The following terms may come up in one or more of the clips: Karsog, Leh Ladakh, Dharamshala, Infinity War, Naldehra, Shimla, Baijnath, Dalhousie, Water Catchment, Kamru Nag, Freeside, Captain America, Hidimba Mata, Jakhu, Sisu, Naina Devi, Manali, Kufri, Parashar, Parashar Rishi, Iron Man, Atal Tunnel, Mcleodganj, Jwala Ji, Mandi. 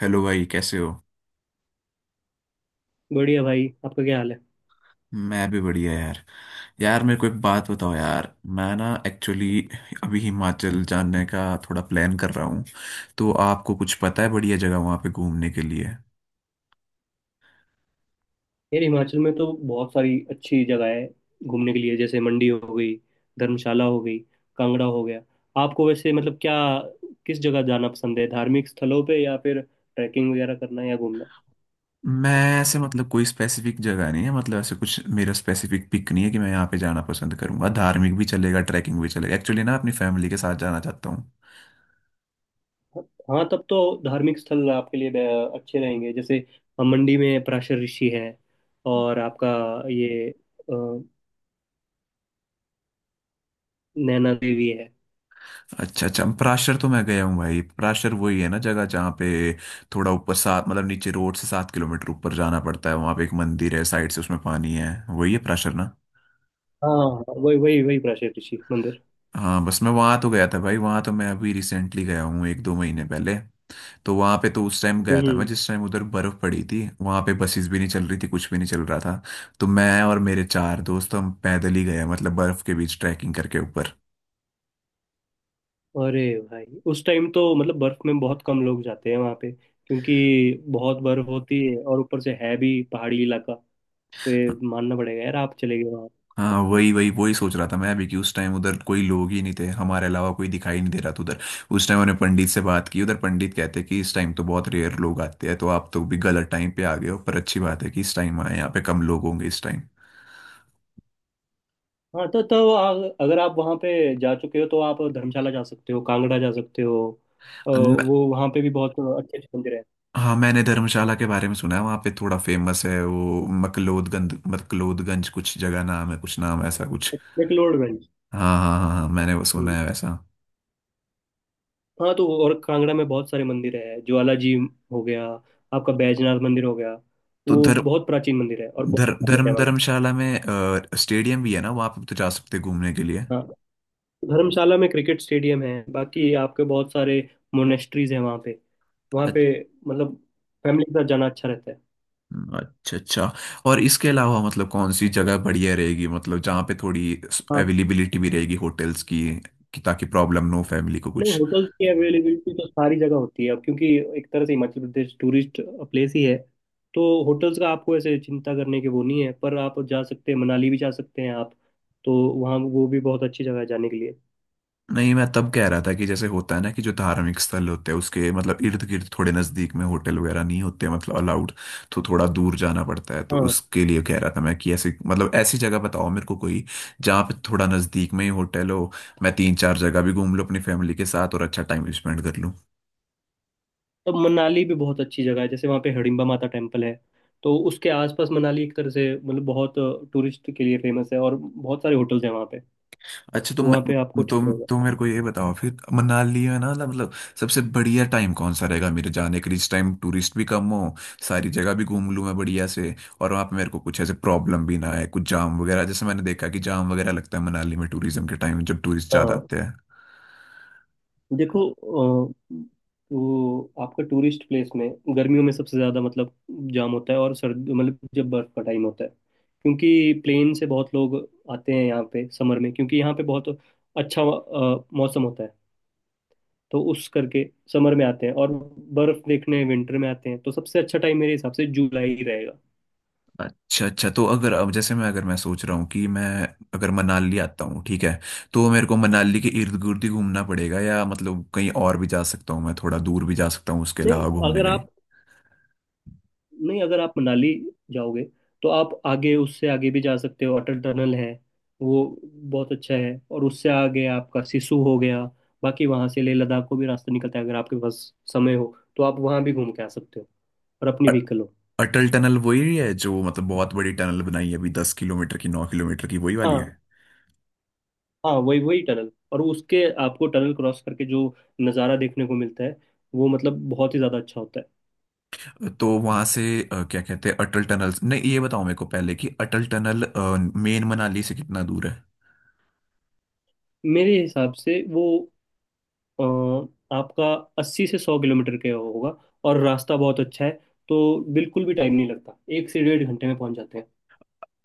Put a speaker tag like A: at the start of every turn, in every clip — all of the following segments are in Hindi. A: हेलो भाई कैसे हो।
B: बढ़िया भाई। आपका क्या हाल है?
A: मैं भी बढ़िया यार। यार मेरे को एक बात बताओ यार। मैं ना एक्चुअली अभी हिमाचल जाने का थोड़ा प्लान कर रहा हूँ। तो आपको कुछ पता है बढ़िया जगह वहाँ पे घूमने के लिए?
B: यार, हिमाचल में तो बहुत सारी अच्छी जगह है घूमने के लिए। जैसे मंडी हो गई, धर्मशाला हो गई, कांगड़ा हो गया। आपको वैसे मतलब क्या, किस जगह जाना पसंद है, धार्मिक स्थलों पे या फिर ट्रैकिंग वगैरह करना या घूमना?
A: मैं ऐसे मतलब कोई स्पेसिफिक जगह नहीं है, मतलब ऐसे कुछ मेरा स्पेसिफिक पिक नहीं है कि मैं यहाँ पे जाना पसंद करूंगा। धार्मिक भी चलेगा, ट्रैकिंग भी चलेगा, एक्चुअली ना अपनी फैमिली के साथ जाना चाहता हूँ।
B: हाँ, तब तो धार्मिक स्थल आपके लिए अच्छे रहेंगे। जैसे हम मंडी में पराशर ऋषि है, और आपका ये नैना देवी है।
A: अच्छा अच्छा, पराशर तो मैं गया हूँ भाई। पराशर वही है ना जगह जहाँ पे थोड़ा ऊपर सात मतलब नीचे रोड से 7 किलोमीटर ऊपर जाना पड़ता है, वहाँ पे एक मंदिर है, साइड से उसमें पानी है, वही है पराशर ना।
B: हाँ हाँ, वही वही वही पराशर ऋषि मंदिर।
A: हाँ बस मैं वहाँ तो गया था भाई, वहाँ तो मैं अभी रिसेंटली गया हूँ, एक दो महीने पहले। तो वहाँ पे तो उस टाइम गया था मैं
B: हम्म।
A: जिस टाइम उधर बर्फ पड़ी थी, वहाँ पे बसेस भी नहीं चल रही थी, कुछ भी नहीं चल रहा था। तो मैं और मेरे चार दोस्त हम पैदल ही गए, मतलब बर्फ के बीच ट्रैकिंग करके ऊपर।
B: अरे भाई, उस टाइम तो मतलब बर्फ में बहुत कम लोग जाते हैं वहां पे, क्योंकि बहुत बर्फ होती है और ऊपर से है भी पहाड़ी इलाका। तो ये मानना पड़ेगा यार, आप चले गए वहाँ।
A: हाँ वही वही वही सोच रहा था मैं अभी कि उस टाइम उधर कोई लोग ही नहीं थे, हमारे अलावा कोई दिखाई नहीं दे रहा था उधर। उस टाइम मैंने पंडित से बात की उधर, पंडित कहते कि इस टाइम तो बहुत रेयर लोग आते हैं, तो आप तो भी गलत टाइम पे आ गए हो, पर अच्छी बात है कि इस टाइम आए, यहाँ पे कम लोग होंगे इस टाइम।
B: हाँ, अगर आप वहाँ पे जा चुके हो तो आप धर्मशाला जा सकते हो, कांगड़ा जा सकते हो।
A: मैं-
B: वो वहाँ पे भी बहुत अच्छे अच्छे मंदिर है।
A: हाँ मैंने धर्मशाला के बारे में सुना है, वहाँ पे थोड़ा फेमस है वो मकलोदगंज, मकलोदगंज कुछ जगह नाम है, कुछ नाम ऐसा कुछ।
B: मैक्लोडगंज।
A: हाँ हाँ हाँ हाँ मैंने वो सुना
B: हम्म।
A: है वैसा।
B: हाँ, तो और कांगड़ा में बहुत सारे मंदिर है। ज्वाला जी हो गया, आपका बैजनाथ मंदिर हो गया।
A: तो
B: वो
A: धर्म
B: बहुत प्राचीन मंदिर है और बहुत
A: धर्म
B: famous है
A: धर्म
B: वहाँ की।
A: धर्मशाला में स्टेडियम भी है ना वहाँ पे, तो जा सकते हैं घूमने के लिए।
B: हाँ। धर्मशाला में क्रिकेट स्टेडियम है। बाकी आपके बहुत सारे मोनेस्ट्रीज हैं वहाँ पे। वहाँ पे मतलब फैमिली के साथ जाना अच्छा रहता है।
A: अच्छा अच्छा। और इसके अलावा मतलब कौन सी जगह बढ़िया रहेगी, मतलब जहाँ पे थोड़ी
B: हाँ।
A: अवेलेबिलिटी भी रहेगी होटल्स की, कि ताकि प्रॉब्लम ना हो फैमिली को
B: नहीं,
A: कुछ।
B: होटल्स की अवेलेबिलिटी तो सारी जगह होती है अब, क्योंकि एक तरह से हिमाचल प्रदेश टूरिस्ट प्लेस ही है। तो होटल्स का आपको ऐसे चिंता करने की वो नहीं है, पर आप जा सकते हैं, मनाली भी जा सकते हैं आप तो। वहाँ वो भी बहुत अच्छी जगह है जाने के लिए।
A: नहीं मैं तब कह रहा था कि जैसे होता है ना कि जो धार्मिक स्थल होते हैं उसके मतलब इर्द गिर्द थोड़े नज़दीक में होटल वगैरह नहीं होते मतलब अलाउड, तो थोड़ा दूर जाना पड़ता है। तो
B: हाँ,
A: उसके लिए कह रहा था मैं कि ऐसे मतलब ऐसी जगह बताओ मेरे को कोई जहाँ पे थोड़ा नज़दीक में ही होटल हो, मैं तीन चार जगह भी घूम लूँ अपनी फैमिली के साथ और अच्छा टाइम स्पेंड कर लूँ।
B: तो मनाली भी बहुत अच्छी जगह है। जैसे वहाँ पे हिडिंबा माता टेम्पल है, तो उसके आसपास मनाली एक तरह से मतलब बहुत टूरिस्ट के लिए फेमस है, और बहुत सारे होटल्स हैं वहाँ पे।
A: अच्छा
B: तो
A: तुम
B: वहाँ पे आपको ठीक
A: तुम
B: रहेगा।
A: तुम मेरे को ये बताओ फिर, मनाली है ना, मतलब सबसे बढ़िया टाइम कौन सा रहेगा मेरे जाने के लिए, इस टाइम टूरिस्ट भी कम हो, सारी जगह भी घूम लूँ मैं बढ़िया से, और वहाँ पे मेरे को कुछ ऐसे प्रॉब्लम भी ना आए, कुछ जाम वगैरह, जैसे मैंने देखा कि जाम वगैरह लगता है मनाली में टूरिज्म के टाइम जब टूरिस्ट ज़्यादा
B: हाँ,
A: आते हैं।
B: देखो, तो आपका टूरिस्ट प्लेस में गर्मियों में सबसे ज़्यादा मतलब जाम होता है, और सर्द मतलब जब बर्फ का टाइम होता है, क्योंकि प्लेन से बहुत लोग आते हैं यहाँ पे समर में। क्योंकि यहाँ पे बहुत अच्छा मौसम होता है, तो उस करके समर में आते हैं, और बर्फ देखने विंटर में आते हैं। तो सबसे अच्छा टाइम मेरे हिसाब से जुलाई ही रहेगा।
A: अच्छा अच्छा, तो अगर अब जैसे मैं, अगर मैं सोच रहा हूँ कि मैं, अगर मनाली आता हूँ ठीक है, तो मेरे को मनाली के इर्द गिर्द ही घूमना पड़ेगा या मतलब कहीं और भी जा सकता हूँ, मैं थोड़ा दूर भी जा सकता हूँ उसके
B: नहीं
A: अलावा घूमने
B: अगर
A: कहीं?
B: आप नहीं, अगर आप मनाली जाओगे तो आप आगे, उससे आगे भी जा सकते हो। अटल टनल है, वो बहुत अच्छा है। और उससे आगे आपका सिसु हो गया। बाकी वहां से लेह लद्दाख को भी रास्ता निकलता है। अगर आपके पास समय हो तो आप वहां भी घूम के आ सकते हो, और अपनी
A: अ-
B: व्हीकल हो।
A: अटल टनल वही है जो मतलब बहुत बड़ी टनल बनाई है अभी, 10 किलोमीटर की, 9 किलोमीटर की, वही वाली
B: हाँ
A: है।
B: हाँ, वही वही टनल। और उसके, आपको टनल क्रॉस करके जो नज़ारा देखने को मिलता है वो मतलब बहुत ही ज़्यादा अच्छा होता है।
A: तो वहां से क्या कहते हैं अटल टनल, नहीं ये बताओ मेरे को पहले कि अटल टनल मेन मनाली से कितना दूर है?
B: मेरे हिसाब से वो अ, आपका 80 से 100 किलोमीटर के होगा, और रास्ता बहुत अच्छा है, तो बिल्कुल भी टाइम नहीं लगता। 1 से डेढ़ घंटे में पहुंच जाते हैं।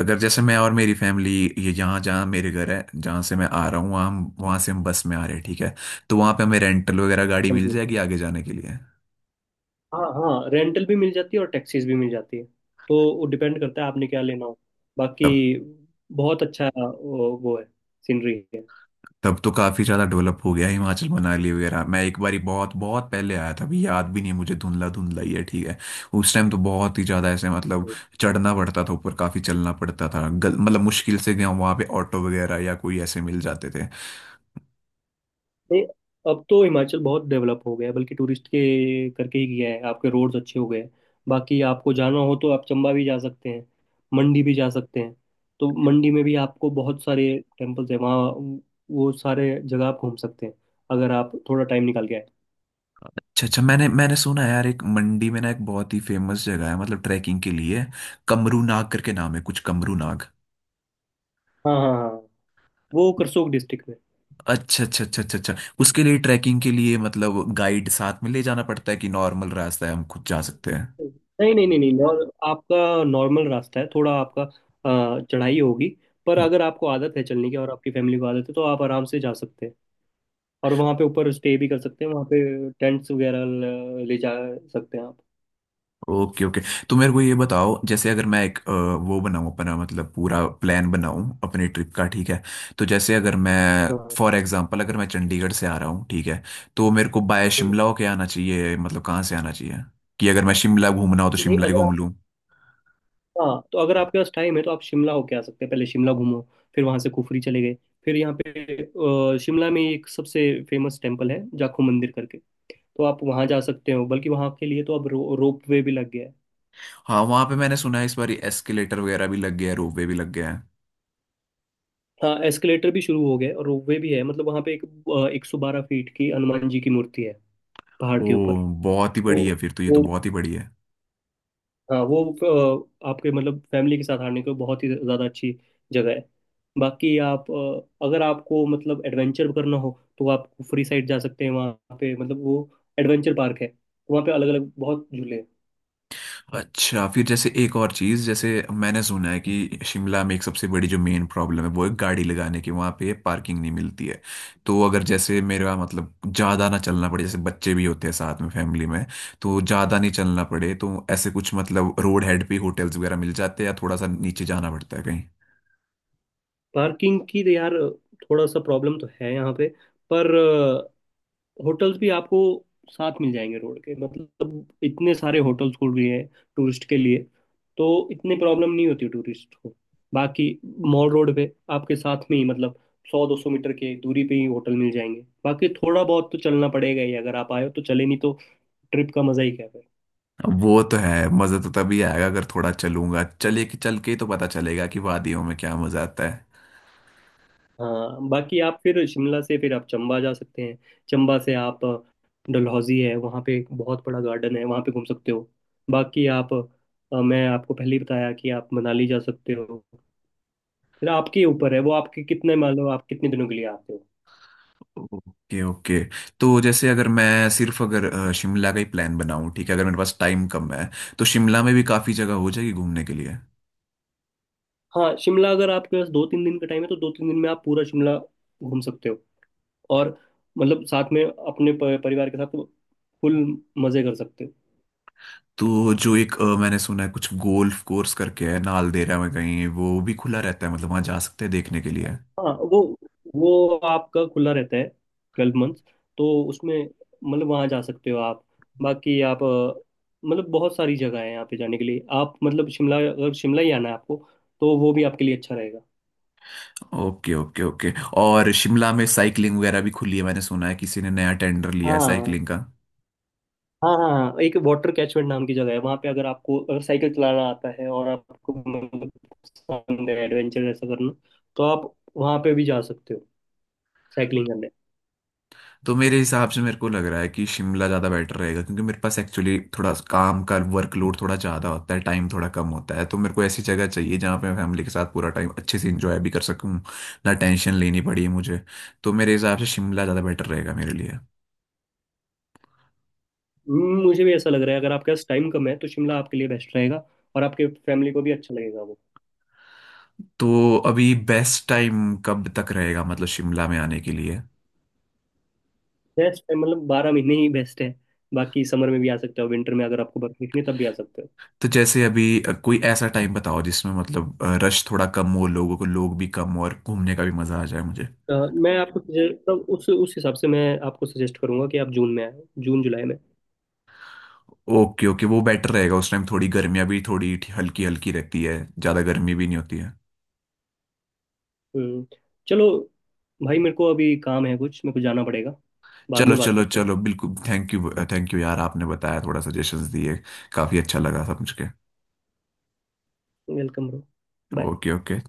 A: अगर जैसे मैं और मेरी फैमिली, ये जहाँ जहाँ मेरे घर है जहाँ से मैं आ रहा हूँ, वहाँ वहाँ से हम बस में आ रहे हैं ठीक है, तो वहाँ पे हमें रेंटल वगैरह गाड़ी मिल
B: समझिए।
A: जाएगी आगे जाने के लिए।
B: हाँ हाँ, रेंटल भी मिल जाती है, और टैक्सीज भी मिल जाती है। तो वो डिपेंड करता है आपने क्या लेना हो। बाकी बहुत अच्छा वो है, सीनरी है।
A: तब तो काफी ज्यादा डेवलप हो गया हिमाचल, मनाली वगैरह। मैं एक बारी बहुत बहुत पहले आया था, अभी याद भी नहीं है मुझे, धुंधला धुंधला ही है ठीक है। उस टाइम तो बहुत ही ज्यादा ऐसे मतलब चढ़ना पड़ता था ऊपर, काफी चलना पड़ता था, मतलब मुश्किल से गया वहां पे, ऑटो वगैरह या कोई ऐसे मिल जाते थे।
B: नहीं, अब तो हिमाचल बहुत डेवलप हो गया है, बल्कि टूरिस्ट के करके ही गया है। आपके रोड्स अच्छे हो गए हैं। बाकी आपको जाना हो तो आप चंबा भी जा सकते हैं, मंडी भी जा सकते हैं। तो मंडी में भी आपको बहुत सारे टेम्पल्स हैं वहाँ। वो सारे जगह आप घूम सकते हैं, अगर आप थोड़ा टाइम निकाल के आए।
A: अच्छा अच्छा, मैंने मैंने सुना है यार एक मंडी में ना एक बहुत ही फेमस जगह है मतलब ट्रैकिंग के लिए, कमरू नाग करके नाम है कुछ, कमरू नाग।
B: हाँ हाँ हाँ, वो करसोग डिस्ट्रिक्ट में।
A: अच्छा अच्छा अच्छा अच्छा अच्छा। उसके लिए ट्रैकिंग के लिए मतलब गाइड साथ में ले जाना पड़ता है कि नॉर्मल रास्ता है हम खुद जा सकते हैं?
B: नहीं नहीं नहीं नहीं, आपका नॉर्मल रास्ता है। थोड़ा आपका चढ़ाई होगी। पर अगर आपको आदत है चलने की और आपकी फैमिली को आदत है तो आप आराम से जा सकते हैं। और वहाँ पे ऊपर स्टे भी कर सकते हैं। वहाँ पे टेंट्स वगैरह ले जा सकते हैं आप।
A: ओके ओके, तो मेरे को ये बताओ, जैसे अगर मैं एक वो बनाऊं अपना मतलब पूरा प्लान बनाऊं अपनी ट्रिप का ठीक है, तो जैसे अगर मैं
B: हाँ।
A: फॉर एग्जांपल अगर मैं चंडीगढ़ से आ रहा हूँ ठीक है, तो मेरे को बाय
B: हाँ।
A: शिमला होके आना चाहिए मतलब कहाँ से आना चाहिए, कि अगर मैं शिमला घूमना हो तो
B: नहीं
A: शिमला ही
B: अगर
A: घूम
B: आप
A: लूँ।
B: हाँ, तो अगर आपके पास टाइम है तो आप शिमला होके आ सकते हैं। पहले शिमला घूमो, फिर वहाँ से कुफरी चले गए, फिर यहाँ पे शिमला में एक सबसे फेमस टेम्पल है जाखू मंदिर करके। तो आप वहाँ जा सकते हो। बल्कि वहाँ के लिए तो अब रोप वे भी लग गया है।
A: हाँ वहाँ पे मैंने सुना है इस बार एस्केलेटर वगैरह भी लग गया है, रोपवे भी लग गया है।
B: हाँ, एस्केलेटर भी शुरू हो गया है और रोपवे भी है। मतलब वहाँ पे एक एक सौ बारह फीट की हनुमान जी की मूर्ति है पहाड़
A: ओ,
B: के ऊपर।
A: बहुत ही
B: तो
A: बड़ी है फिर तो, ये तो
B: वो,
A: बहुत ही बड़ी है।
B: हाँ वो आपके मतलब फैमिली के साथ आने को बहुत ही ज़्यादा अच्छी जगह है। बाकी आप, अगर आपको मतलब एडवेंचर करना हो तो आप फ्री साइड जा सकते हैं। वहाँ पे मतलब वो एडवेंचर पार्क है, वहाँ पे अलग अलग बहुत झूले हैं।
A: अच्छा फिर जैसे एक और चीज, जैसे मैंने सुना है कि शिमला में एक सबसे बड़ी जो मेन प्रॉब्लम है वो है गाड़ी लगाने की, वहां पे पार्किंग नहीं मिलती है। तो अगर जैसे मेरा मतलब ज्यादा ना चलना पड़े, जैसे बच्चे भी होते हैं साथ में फैमिली में, तो ज्यादा नहीं चलना पड़े, तो ऐसे कुछ मतलब रोड हेड पे होटल्स वगैरह मिल जाते हैं या थोड़ा सा नीचे जाना पड़ता है कहीं?
B: पार्किंग की तो यार, थोड़ा सा प्रॉब्लम तो है यहाँ पे। पर होटल्स भी आपको साथ मिल जाएंगे रोड के, मतलब इतने सारे होटल्स खुल रही है टूरिस्ट के लिए। तो इतनी प्रॉब्लम नहीं होती टूरिस्ट को। बाकी मॉल रोड पे आपके साथ में ही मतलब 100-200 मीटर के दूरी पे ही होटल मिल जाएंगे। बाकी थोड़ा बहुत तो चलना पड़ेगा ही, अगर आप आए हो तो चले, नहीं तो ट्रिप का मजा ही क्या है।
A: अब वो तो है, मजा तो तभी आएगा अगर थोड़ा चलूंगा, चले कि चल के ही तो पता चलेगा कि वादियों में क्या मजा आता है।
B: हाँ, बाकी आप फिर शिमला से फिर आप चंबा जा सकते हैं। चंबा से आप, डलहौजी है। वहाँ पे एक बहुत बड़ा गार्डन है, वहाँ पे घूम सकते हो। बाकी आप, मैं आपको पहले ही बताया कि आप मनाली जा सकते हो। फिर आपके ऊपर है वो, आपके कितने, मान लो आप कितने दिनों के लिए आते हो।
A: ओके ओके, तो जैसे अगर मैं सिर्फ अगर शिमला का ही प्लान बनाऊं ठीक है, अगर मेरे पास टाइम कम है, तो शिमला में भी काफ़ी जगह हो जाएगी घूमने के लिए।
B: हाँ, शिमला अगर आपके पास 2-3 दिन का टाइम है तो 2-3 दिन में आप पूरा शिमला घूम सकते हो। और मतलब साथ में अपने परिवार के साथ फुल मज़े कर सकते हो।
A: तो जो एक मैंने सुना है कुछ गोल्फ कोर्स करके है नालदेहरा में कहीं, वो भी खुला रहता है मतलब, वहाँ जा सकते हैं देखने के लिए?
B: हाँ वो आपका खुला रहता है 12 मंथ्स। तो उसमें मतलब वहाँ जा सकते हो आप। बाकी आप, मतलब बहुत सारी जगह है यहाँ पे जाने के लिए। आप मतलब शिमला, अगर शिमला ही आना है आपको, तो वो भी आपके लिए अच्छा रहेगा।
A: ओके ओके ओके, और शिमला में साइकिलिंग वगैरह भी खुली है मैंने सुना है, किसी ने नया टेंडर लिया है
B: हाँ
A: साइकिलिंग का।
B: हाँ हाँ हाँ, एक वाटर कैचमेंट नाम की जगह है वहाँ पे। अगर आपको, अगर साइकिल चलाना आता है और आपको मतलब पसंद है एडवेंचर ऐसा करना, तो आप वहाँ पे भी जा सकते हो साइकिलिंग।
A: तो मेरे हिसाब से मेरे को लग रहा है कि शिमला ज़्यादा बेटर रहेगा, क्योंकि मेरे पास एक्चुअली थोड़ा काम का वर्कलोड थोड़ा ज़्यादा होता है, टाइम थोड़ा कम होता है, तो मेरे को ऐसी जगह चाहिए जहाँ पे मैं फैमिली के साथ पूरा टाइम अच्छे से इंजॉय भी कर सकूँ, ना टेंशन लेनी पड़ी मुझे। तो मेरे हिसाब से शिमला ज़्यादा बेटर रहेगा मेरे लिए।
B: मुझे भी ऐसा लग रहा है। अगर आपके पास टाइम कम है तो शिमला आपके लिए बेस्ट रहेगा, और आपके फैमिली को भी अच्छा लगेगा वो।
A: तो अभी बेस्ट टाइम कब तक रहेगा मतलब शिमला में आने के लिए?
B: बेस्ट है, मतलब 12 महीने ही बेस्ट है। बाकी समर में भी आ सकते हो, विंटर में अगर आपको बर्फ दिखनी है, तब भी आ सकते हो।
A: तो जैसे अभी कोई ऐसा टाइम बताओ जिसमें मतलब रश थोड़ा कम हो लोगों को, लोग भी कम हो और घूमने का भी मज़ा आ जाए मुझे।
B: मैं आपको suggest- तब उस हिसाब से मैं आपको सजेस्ट करूंगा कि आप जून में आए, जून जुलाई में।
A: ओके ओके, वो बेटर रहेगा, उस टाइम थोड़ी गर्मियाँ भी थोड़ी हल्की हल्की रहती है, ज़्यादा गर्मी भी नहीं होती है।
B: हम्म, चलो भाई, मेरे को अभी काम है कुछ, मेरे को जाना पड़ेगा। बाद
A: चलो
B: में बात
A: चलो
B: करते हैं।
A: चलो बिल्कुल, थैंक यू यार, आपने बताया थोड़ा सजेशंस दिए, काफ़ी अच्छा लगा समझ के।
B: Welcome bro. Bye.
A: Okay okay.